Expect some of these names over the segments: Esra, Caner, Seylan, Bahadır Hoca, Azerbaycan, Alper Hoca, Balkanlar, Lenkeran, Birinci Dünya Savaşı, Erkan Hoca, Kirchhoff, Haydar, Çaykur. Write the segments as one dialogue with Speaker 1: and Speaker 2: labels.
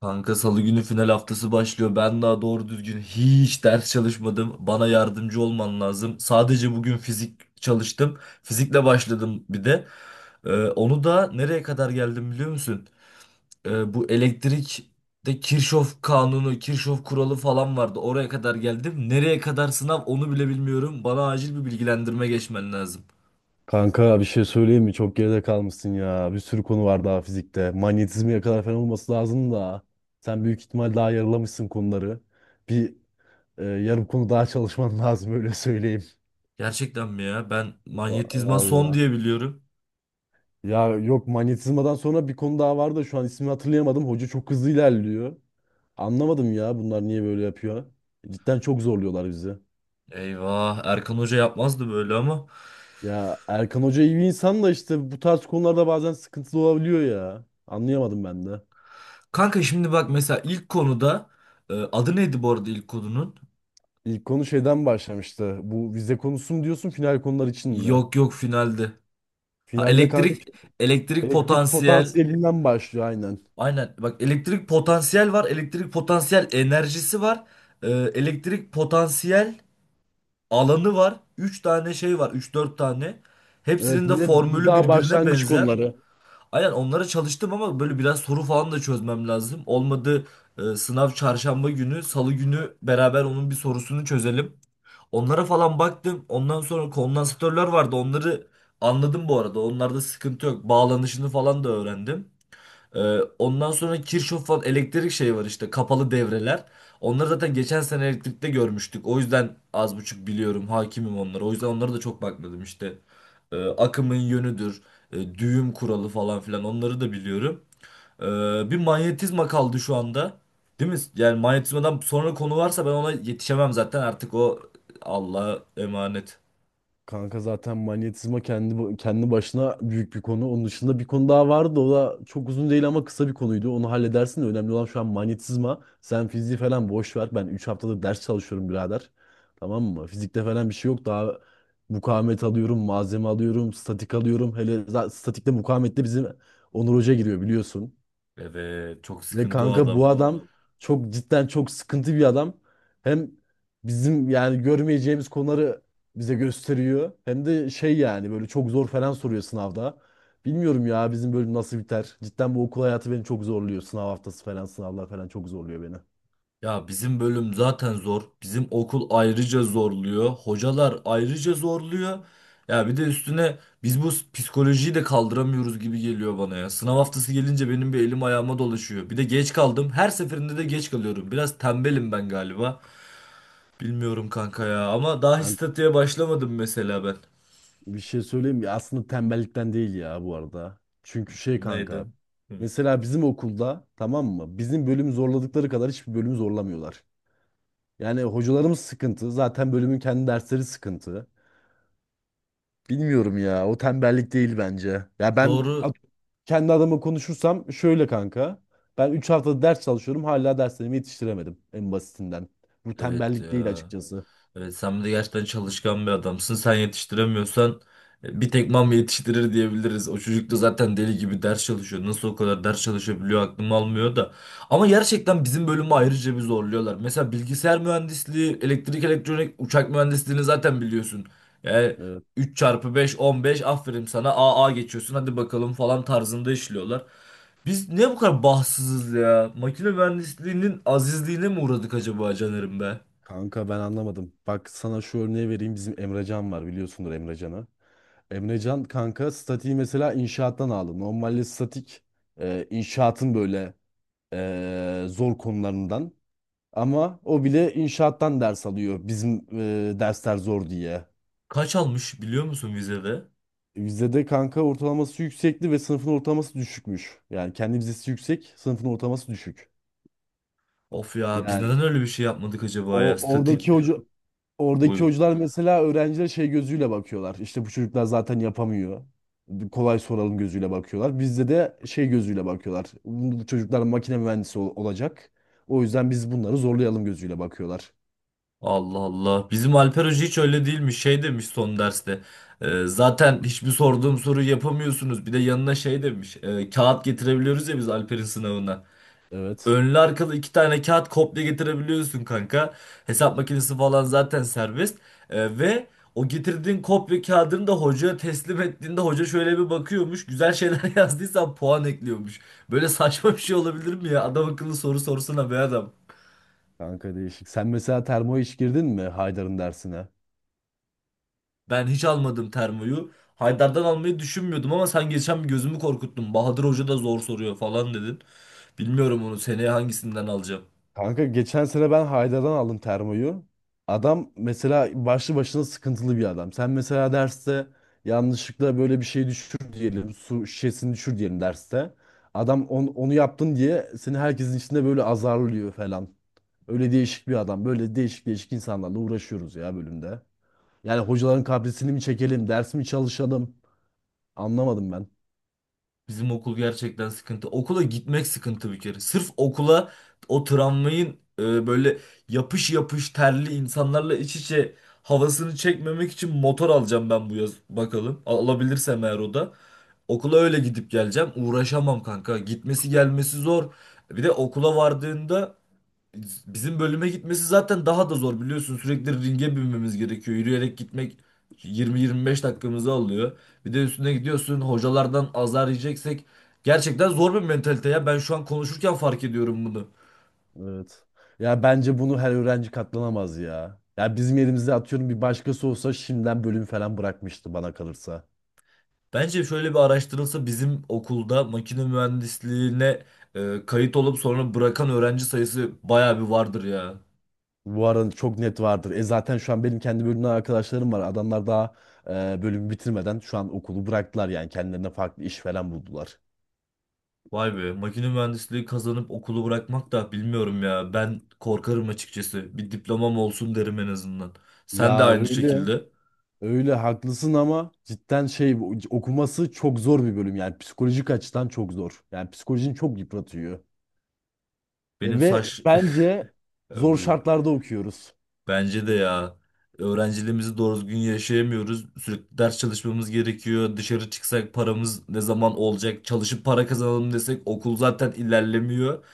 Speaker 1: Kanka salı günü final haftası başlıyor. Ben daha doğru düzgün hiç ders çalışmadım. Bana yardımcı olman lazım. Sadece bugün fizik çalıştım. Fizikle başladım bir de. Onu da nereye kadar geldim biliyor musun? Bu elektrikte Kirchhoff kanunu, Kirchhoff kuralı falan vardı. Oraya kadar geldim. Nereye kadar sınav onu bile bilmiyorum. Bana acil bir bilgilendirme geçmen lazım.
Speaker 2: Kanka bir şey söyleyeyim mi? Çok geride kalmışsın ya. Bir sürü konu var daha fizikte. Manyetizmaya kadar falan olması lazım da. Sen büyük ihtimal daha yarılamışsın konuları. Bir Yarım konu daha çalışman lazım, öyle söyleyeyim.
Speaker 1: Gerçekten mi ya? Ben manyetizma son
Speaker 2: Vallahi.
Speaker 1: diye biliyorum.
Speaker 2: Ya yok, manyetizmadan sonra bir konu daha vardı da şu an ismini hatırlayamadım. Hoca çok hızlı ilerliyor. Anlamadım ya, bunlar niye böyle yapıyor. Cidden çok zorluyorlar bizi.
Speaker 1: Eyvah, Erkan Hoca yapmazdı böyle ama.
Speaker 2: Ya Erkan Hoca iyi bir insan da işte bu tarz konularda bazen sıkıntılı olabiliyor ya. Anlayamadım ben de.
Speaker 1: Kanka şimdi bak mesela ilk konuda, adı neydi bu arada ilk konunun?
Speaker 2: İlk konu şeyden başlamıştı. Bu vize konusu mu diyorsun, final konular için mi?
Speaker 1: Yok yok, finaldi. Ha,
Speaker 2: Finalle kanka,
Speaker 1: elektrik
Speaker 2: elektrik
Speaker 1: potansiyel.
Speaker 2: potansiyelinden başlıyor aynen.
Speaker 1: Aynen bak, elektrik potansiyel var, elektrik potansiyel enerjisi var. Elektrik potansiyel alanı var. Üç tane şey var, üç dört tane.
Speaker 2: Evet,
Speaker 1: Hepsinin de
Speaker 2: ve bu
Speaker 1: formülü
Speaker 2: daha
Speaker 1: birbirine
Speaker 2: başlangıç
Speaker 1: benzer.
Speaker 2: konuları.
Speaker 1: Aynen onlara çalıştım ama böyle biraz soru falan da çözmem lazım. Olmadı. Sınav çarşamba günü, salı günü beraber onun bir sorusunu çözelim. Onlara falan baktım. Ondan sonra kondansatörler vardı. Onları anladım bu arada. Onlarda sıkıntı yok. Bağlanışını falan da öğrendim. Ee, Ondan sonra Kirchhoff falan, elektrik şey var işte, kapalı devreler. Onları zaten geçen sene elektrikte görmüştük. O yüzden az buçuk biliyorum, hakimim onlara. O yüzden onlara da çok bakmadım işte. Akımın yönüdür, düğüm kuralı falan filan, onları da biliyorum. Bir manyetizma kaldı şu anda. Değil mi? Yani manyetizmadan sonra konu varsa ben ona yetişemem zaten. Artık o Allah'a emanet.
Speaker 2: Kanka zaten manyetizma kendi başına büyük bir konu. Onun dışında bir konu daha vardı. O da çok uzun değil ama kısa bir konuydu. Onu halledersin de önemli olan şu an manyetizma. Sen fiziği falan boş ver. Ben 3 haftadır ders çalışıyorum birader. Tamam mı? Fizikte falan bir şey yok. Daha mukavemet alıyorum, malzeme alıyorum, statik alıyorum. Hele statikte, mukavemette bizim Onur Hoca giriyor, biliyorsun.
Speaker 1: Evet, çok
Speaker 2: Ve
Speaker 1: sıkıntı o
Speaker 2: kanka bu
Speaker 1: adam.
Speaker 2: adam çok, cidden çok sıkıntı bir adam. Hem bizim yani görmeyeceğimiz konuları bize gösteriyor. Hem de şey, yani böyle çok zor falan soruyor sınavda. Bilmiyorum ya bizim bölüm nasıl biter. Cidden bu okul hayatı beni çok zorluyor. Sınav haftası falan, sınavlar falan çok zorluyor beni.
Speaker 1: Ya bizim bölüm zaten zor. Bizim okul ayrıca zorluyor. Hocalar ayrıca zorluyor. Ya bir de üstüne biz bu psikolojiyi de kaldıramıyoruz gibi geliyor bana ya. Sınav
Speaker 2: Evet.
Speaker 1: haftası gelince benim bir elim ayağıma dolaşıyor. Bir de geç kaldım. Her seferinde de geç kalıyorum. Biraz tembelim ben galiba. Bilmiyorum kanka ya, ama daha hiç
Speaker 2: Ben
Speaker 1: statüye başlamadım mesela ben.
Speaker 2: bir şey söyleyeyim mi? Aslında tembellikten değil ya bu arada. Çünkü şey
Speaker 1: Neydi?
Speaker 2: kanka.
Speaker 1: Hı.
Speaker 2: Mesela bizim okulda, tamam mı? Bizim bölümü zorladıkları kadar hiçbir bölümü zorlamıyorlar. Yani hocalarımız sıkıntı. Zaten bölümün kendi dersleri sıkıntı. Bilmiyorum ya. O tembellik değil bence.
Speaker 1: Doğru.
Speaker 2: Kendi adıma konuşursam şöyle kanka. Ben 3 haftada ders çalışıyorum. Hala derslerimi yetiştiremedim en basitinden. Bu
Speaker 1: Evet
Speaker 2: tembellik değil
Speaker 1: ya.
Speaker 2: açıkçası.
Speaker 1: Evet, sen de gerçekten çalışkan bir adamsın. Sen yetiştiremiyorsan, bir tek mam yetiştirir diyebiliriz. O çocuk da zaten deli gibi ders çalışıyor. Nasıl o kadar ders çalışabiliyor aklım almıyor da. Ama gerçekten bizim bölümü ayrıca bir zorluyorlar. Mesela bilgisayar mühendisliği, elektrik, elektronik, uçak mühendisliğini zaten biliyorsun. Yani
Speaker 2: Evet.
Speaker 1: 3 çarpı beş 15, aferin sana, AA geçiyorsun, hadi bakalım falan tarzında işliyorlar. Biz niye bu kadar bahtsızız ya? Makine mühendisliğinin azizliğine mi uğradık acaba Caner'im be?
Speaker 2: Kanka ben anlamadım. Bak sana şu örneği vereyim. Bizim Emrecan var, biliyorsundur Emrecan'ı. Emrecan kanka statiği mesela inşaattan aldı. Normalde statik inşaatın böyle zor konularından. Ama o bile inşaattan ders alıyor bizim dersler zor diye.
Speaker 1: Kaç almış biliyor musun vizede?
Speaker 2: Bizde de kanka ortalaması yüksekti ve sınıfın ortalaması düşükmüş. Yani kendi vizesi yüksek, sınıfın ortalaması düşük.
Speaker 1: Of ya, biz
Speaker 2: Yani
Speaker 1: neden öyle bir şey yapmadık acaba ya?
Speaker 2: o
Speaker 1: Statik,
Speaker 2: oradaki hoca oradaki
Speaker 1: buyur.
Speaker 2: hocalar mesela öğrencilere şey gözüyle bakıyorlar. İşte bu çocuklar zaten yapamıyor. Kolay soralım gözüyle bakıyorlar. Bizde de şey gözüyle bakıyorlar. Bu çocuklar makine mühendisi olacak. O yüzden biz bunları zorlayalım gözüyle bakıyorlar.
Speaker 1: Allah Allah. Bizim Alper Hoca hiç öyle değilmiş. Şey demiş son derste. Zaten hiçbir sorduğum soruyu yapamıyorsunuz." Bir de yanına şey demiş. Kağıt getirebiliyoruz ya biz Alper'in sınavına.
Speaker 2: Evet.
Speaker 1: Önlü arkalı iki tane kağıt kopya getirebiliyorsun kanka. Hesap makinesi falan zaten serbest. Ve o getirdiğin kopya kağıdını da hocaya teslim ettiğinde hoca şöyle bir bakıyormuş. Güzel şeyler yazdıysan puan ekliyormuş. Böyle saçma bir şey olabilir mi ya? Adam akıllı soru sorsana be adam.
Speaker 2: Kanka değişik. Sen mesela termo hiç girdin mi Haydar'ın dersine?
Speaker 1: Ben hiç almadım termoyu. Haydar'dan almayı düşünmüyordum ama sen geçen bir gözümü korkuttun. Bahadır Hoca da zor soruyor falan dedin. Bilmiyorum onu seneye hangisinden alacağım.
Speaker 2: Kanka geçen sene ben Haydar'dan aldım termoyu. Adam mesela başlı başına sıkıntılı bir adam. Sen mesela derste yanlışlıkla böyle bir şey düşür diyelim. Su şişesini düşür diyelim derste. Adam onu yaptın diye seni herkesin içinde böyle azarlıyor falan. Öyle değişik bir adam. Böyle değişik değişik insanlarla uğraşıyoruz ya bölümde. Yani hocaların kaprisini mi çekelim, ders mi çalışalım? Anlamadım ben.
Speaker 1: Bizim okul gerçekten sıkıntı. Okula gitmek sıkıntı bir kere. Sırf okula o tramvayın böyle yapış yapış terli insanlarla iç içe havasını çekmemek için motor alacağım ben bu yaz bakalım. Alabilirsem eğer, o da. Okula öyle gidip geleceğim. Uğraşamam kanka. Gitmesi gelmesi zor. Bir de okula vardığında, bizim bölüme gitmesi zaten daha da zor biliyorsun. Sürekli ringe binmemiz gerekiyor. Yürüyerek gitmek 20-25 dakikamızı alıyor. Bir de üstüne gidiyorsun, hocalardan azar yiyeceksek, gerçekten zor bir mentalite ya. Ben şu an konuşurken fark ediyorum bunu.
Speaker 2: Evet. Ya bence bunu her öğrenci katlanamaz ya. Ya bizim yerimizde atıyorum bir başkası olsa şimdiden bölüm falan bırakmıştı bana kalırsa.
Speaker 1: Bence şöyle bir araştırılsa, bizim okulda makine mühendisliğine kayıt olup sonra bırakan öğrenci sayısı bayağı bir vardır ya.
Speaker 2: Bu arada çok net vardır. E zaten şu an benim kendi bölümden arkadaşlarım var. Adamlar daha bölümü bitirmeden şu an okulu bıraktılar, yani kendilerine farklı iş falan buldular.
Speaker 1: Vay be, makine mühendisliği kazanıp okulu bırakmak da, bilmiyorum ya. Ben korkarım açıkçası. Bir diplomam olsun derim en azından. Sen de
Speaker 2: Ya
Speaker 1: aynı
Speaker 2: öyle.
Speaker 1: şekilde.
Speaker 2: Öyle haklısın ama cidden şey, okuması çok zor bir bölüm, yani psikolojik açıdan çok zor. Yani psikolojini çok yıpratıyor.
Speaker 1: Benim
Speaker 2: Ve
Speaker 1: saç...
Speaker 2: bence zor
Speaker 1: Buyur.
Speaker 2: şartlarda okuyoruz.
Speaker 1: Bence de ya. Öğrenciliğimizi doğru düzgün yaşayamıyoruz. Sürekli ders çalışmamız gerekiyor. Dışarı çıksak paramız ne zaman olacak? Çalışıp para kazanalım desek okul zaten ilerlemiyor.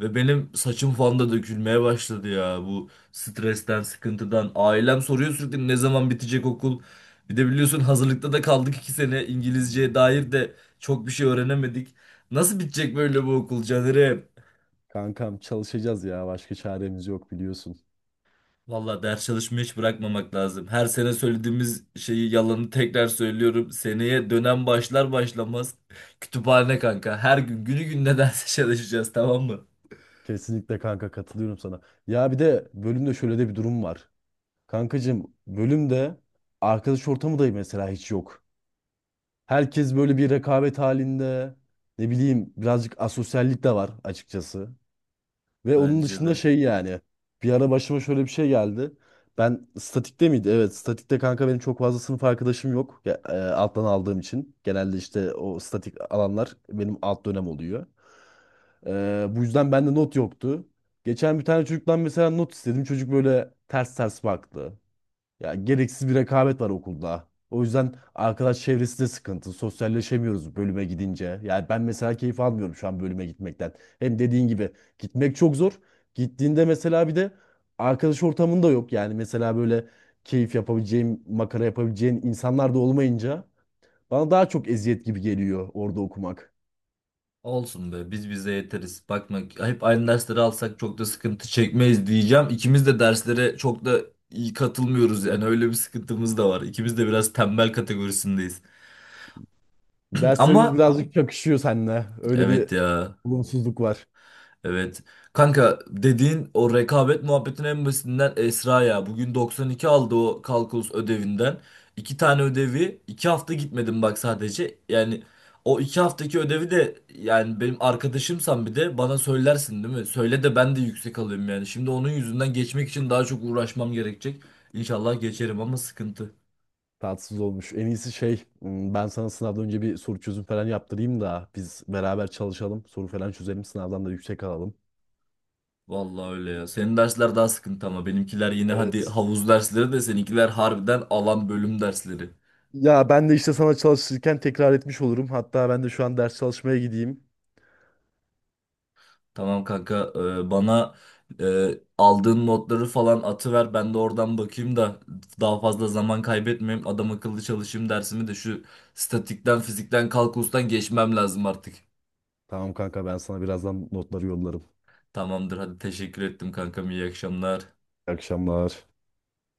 Speaker 1: Ve benim saçım falan da dökülmeye başladı ya. Bu stresten, sıkıntıdan. Ailem soruyor sürekli, ne zaman bitecek okul? Bir de biliyorsun hazırlıkta da kaldık 2 sene. İngilizceye dair de çok bir şey öğrenemedik. Nasıl bitecek böyle bu okul Caner'e?
Speaker 2: Kankam çalışacağız ya. Başka çaremiz yok biliyorsun.
Speaker 1: Valla ders çalışmayı hiç bırakmamak lazım. Her sene söylediğimiz şeyi, yalanı tekrar söylüyorum. Seneye dönem başlar başlamaz kütüphane kanka. Her gün günü gününe ders çalışacağız, tamam mı?
Speaker 2: Kesinlikle kanka, katılıyorum sana. Ya bir de bölümde şöyle de bir durum var. Kankacığım bölümde arkadaş ortamı da mesela hiç yok. Herkes böyle bir rekabet halinde. Ne bileyim, birazcık asosyallik de var açıkçası. Ve onun
Speaker 1: Bence
Speaker 2: dışında
Speaker 1: de.
Speaker 2: şey yani. Bir ara başıma şöyle bir şey geldi. Ben statikte miydi? Evet, statikte kanka benim çok fazla sınıf arkadaşım yok. Ya, alttan aldığım için. Genelde işte o statik alanlar benim alt dönem oluyor. Bu yüzden bende not yoktu. Geçen bir tane çocuktan mesela not istedim. Çocuk böyle ters ters baktı. Ya gereksiz bir rekabet var okulda. O yüzden arkadaş çevresi de sıkıntı. Sosyalleşemiyoruz bölüme gidince. Yani ben mesela keyif almıyorum şu an bölüme gitmekten. Hem dediğin gibi gitmek çok zor. Gittiğinde mesela bir de arkadaş ortamın da yok. Yani mesela böyle keyif yapabileceğim, makara yapabileceğin insanlar da olmayınca bana daha çok eziyet gibi geliyor orada okumak.
Speaker 1: Olsun be, biz bize yeteriz. Bakma, hep aynı dersleri alsak çok da sıkıntı çekmeyiz diyeceğim. İkimiz de derslere çok da iyi katılmıyoruz, yani öyle bir sıkıntımız da var. İkimiz de biraz tembel kategorisindeyiz. Ama
Speaker 2: Derslerimiz birazcık çakışıyor seninle. Öyle
Speaker 1: evet
Speaker 2: bir
Speaker 1: ya.
Speaker 2: olumsuzluk var.
Speaker 1: Evet. Kanka dediğin o rekabet muhabbetin en basitinden Esra ya. Bugün 92 aldı o kalkulus ödevinden. İki tane ödevi. 2 hafta gitmedim bak sadece. Yani o 2 haftaki ödevi de, yani benim arkadaşımsan bir de bana söylersin değil mi? Söyle de ben de yüksek alayım yani. Şimdi onun yüzünden geçmek için daha çok uğraşmam gerekecek. İnşallah geçerim ama sıkıntı.
Speaker 2: Tatsız olmuş. En iyisi şey, ben sana sınavdan önce bir soru çözüm falan yaptırayım da biz beraber çalışalım. Soru falan çözelim, sınavdan da yüksek alalım.
Speaker 1: Vallahi öyle ya. Senin dersler daha sıkıntı ama benimkiler yine hadi
Speaker 2: Evet.
Speaker 1: havuz dersleri, de seninkiler harbiden alan bölüm dersleri.
Speaker 2: Ya ben de işte sana çalışırken tekrar etmiş olurum. Hatta ben de şu an ders çalışmaya gideyim.
Speaker 1: Tamam kanka, bana e, aldığın modları falan atıver, ben de oradan bakayım da daha fazla zaman kaybetmeyeyim, adam akıllı çalışayım dersimi de. Şu statikten, fizikten, kalkulustan geçmem lazım artık.
Speaker 2: Tamam kanka, ben sana birazdan notları yollarım.
Speaker 1: Tamamdır, hadi teşekkür ettim kankam, iyi akşamlar.
Speaker 2: İyi akşamlar.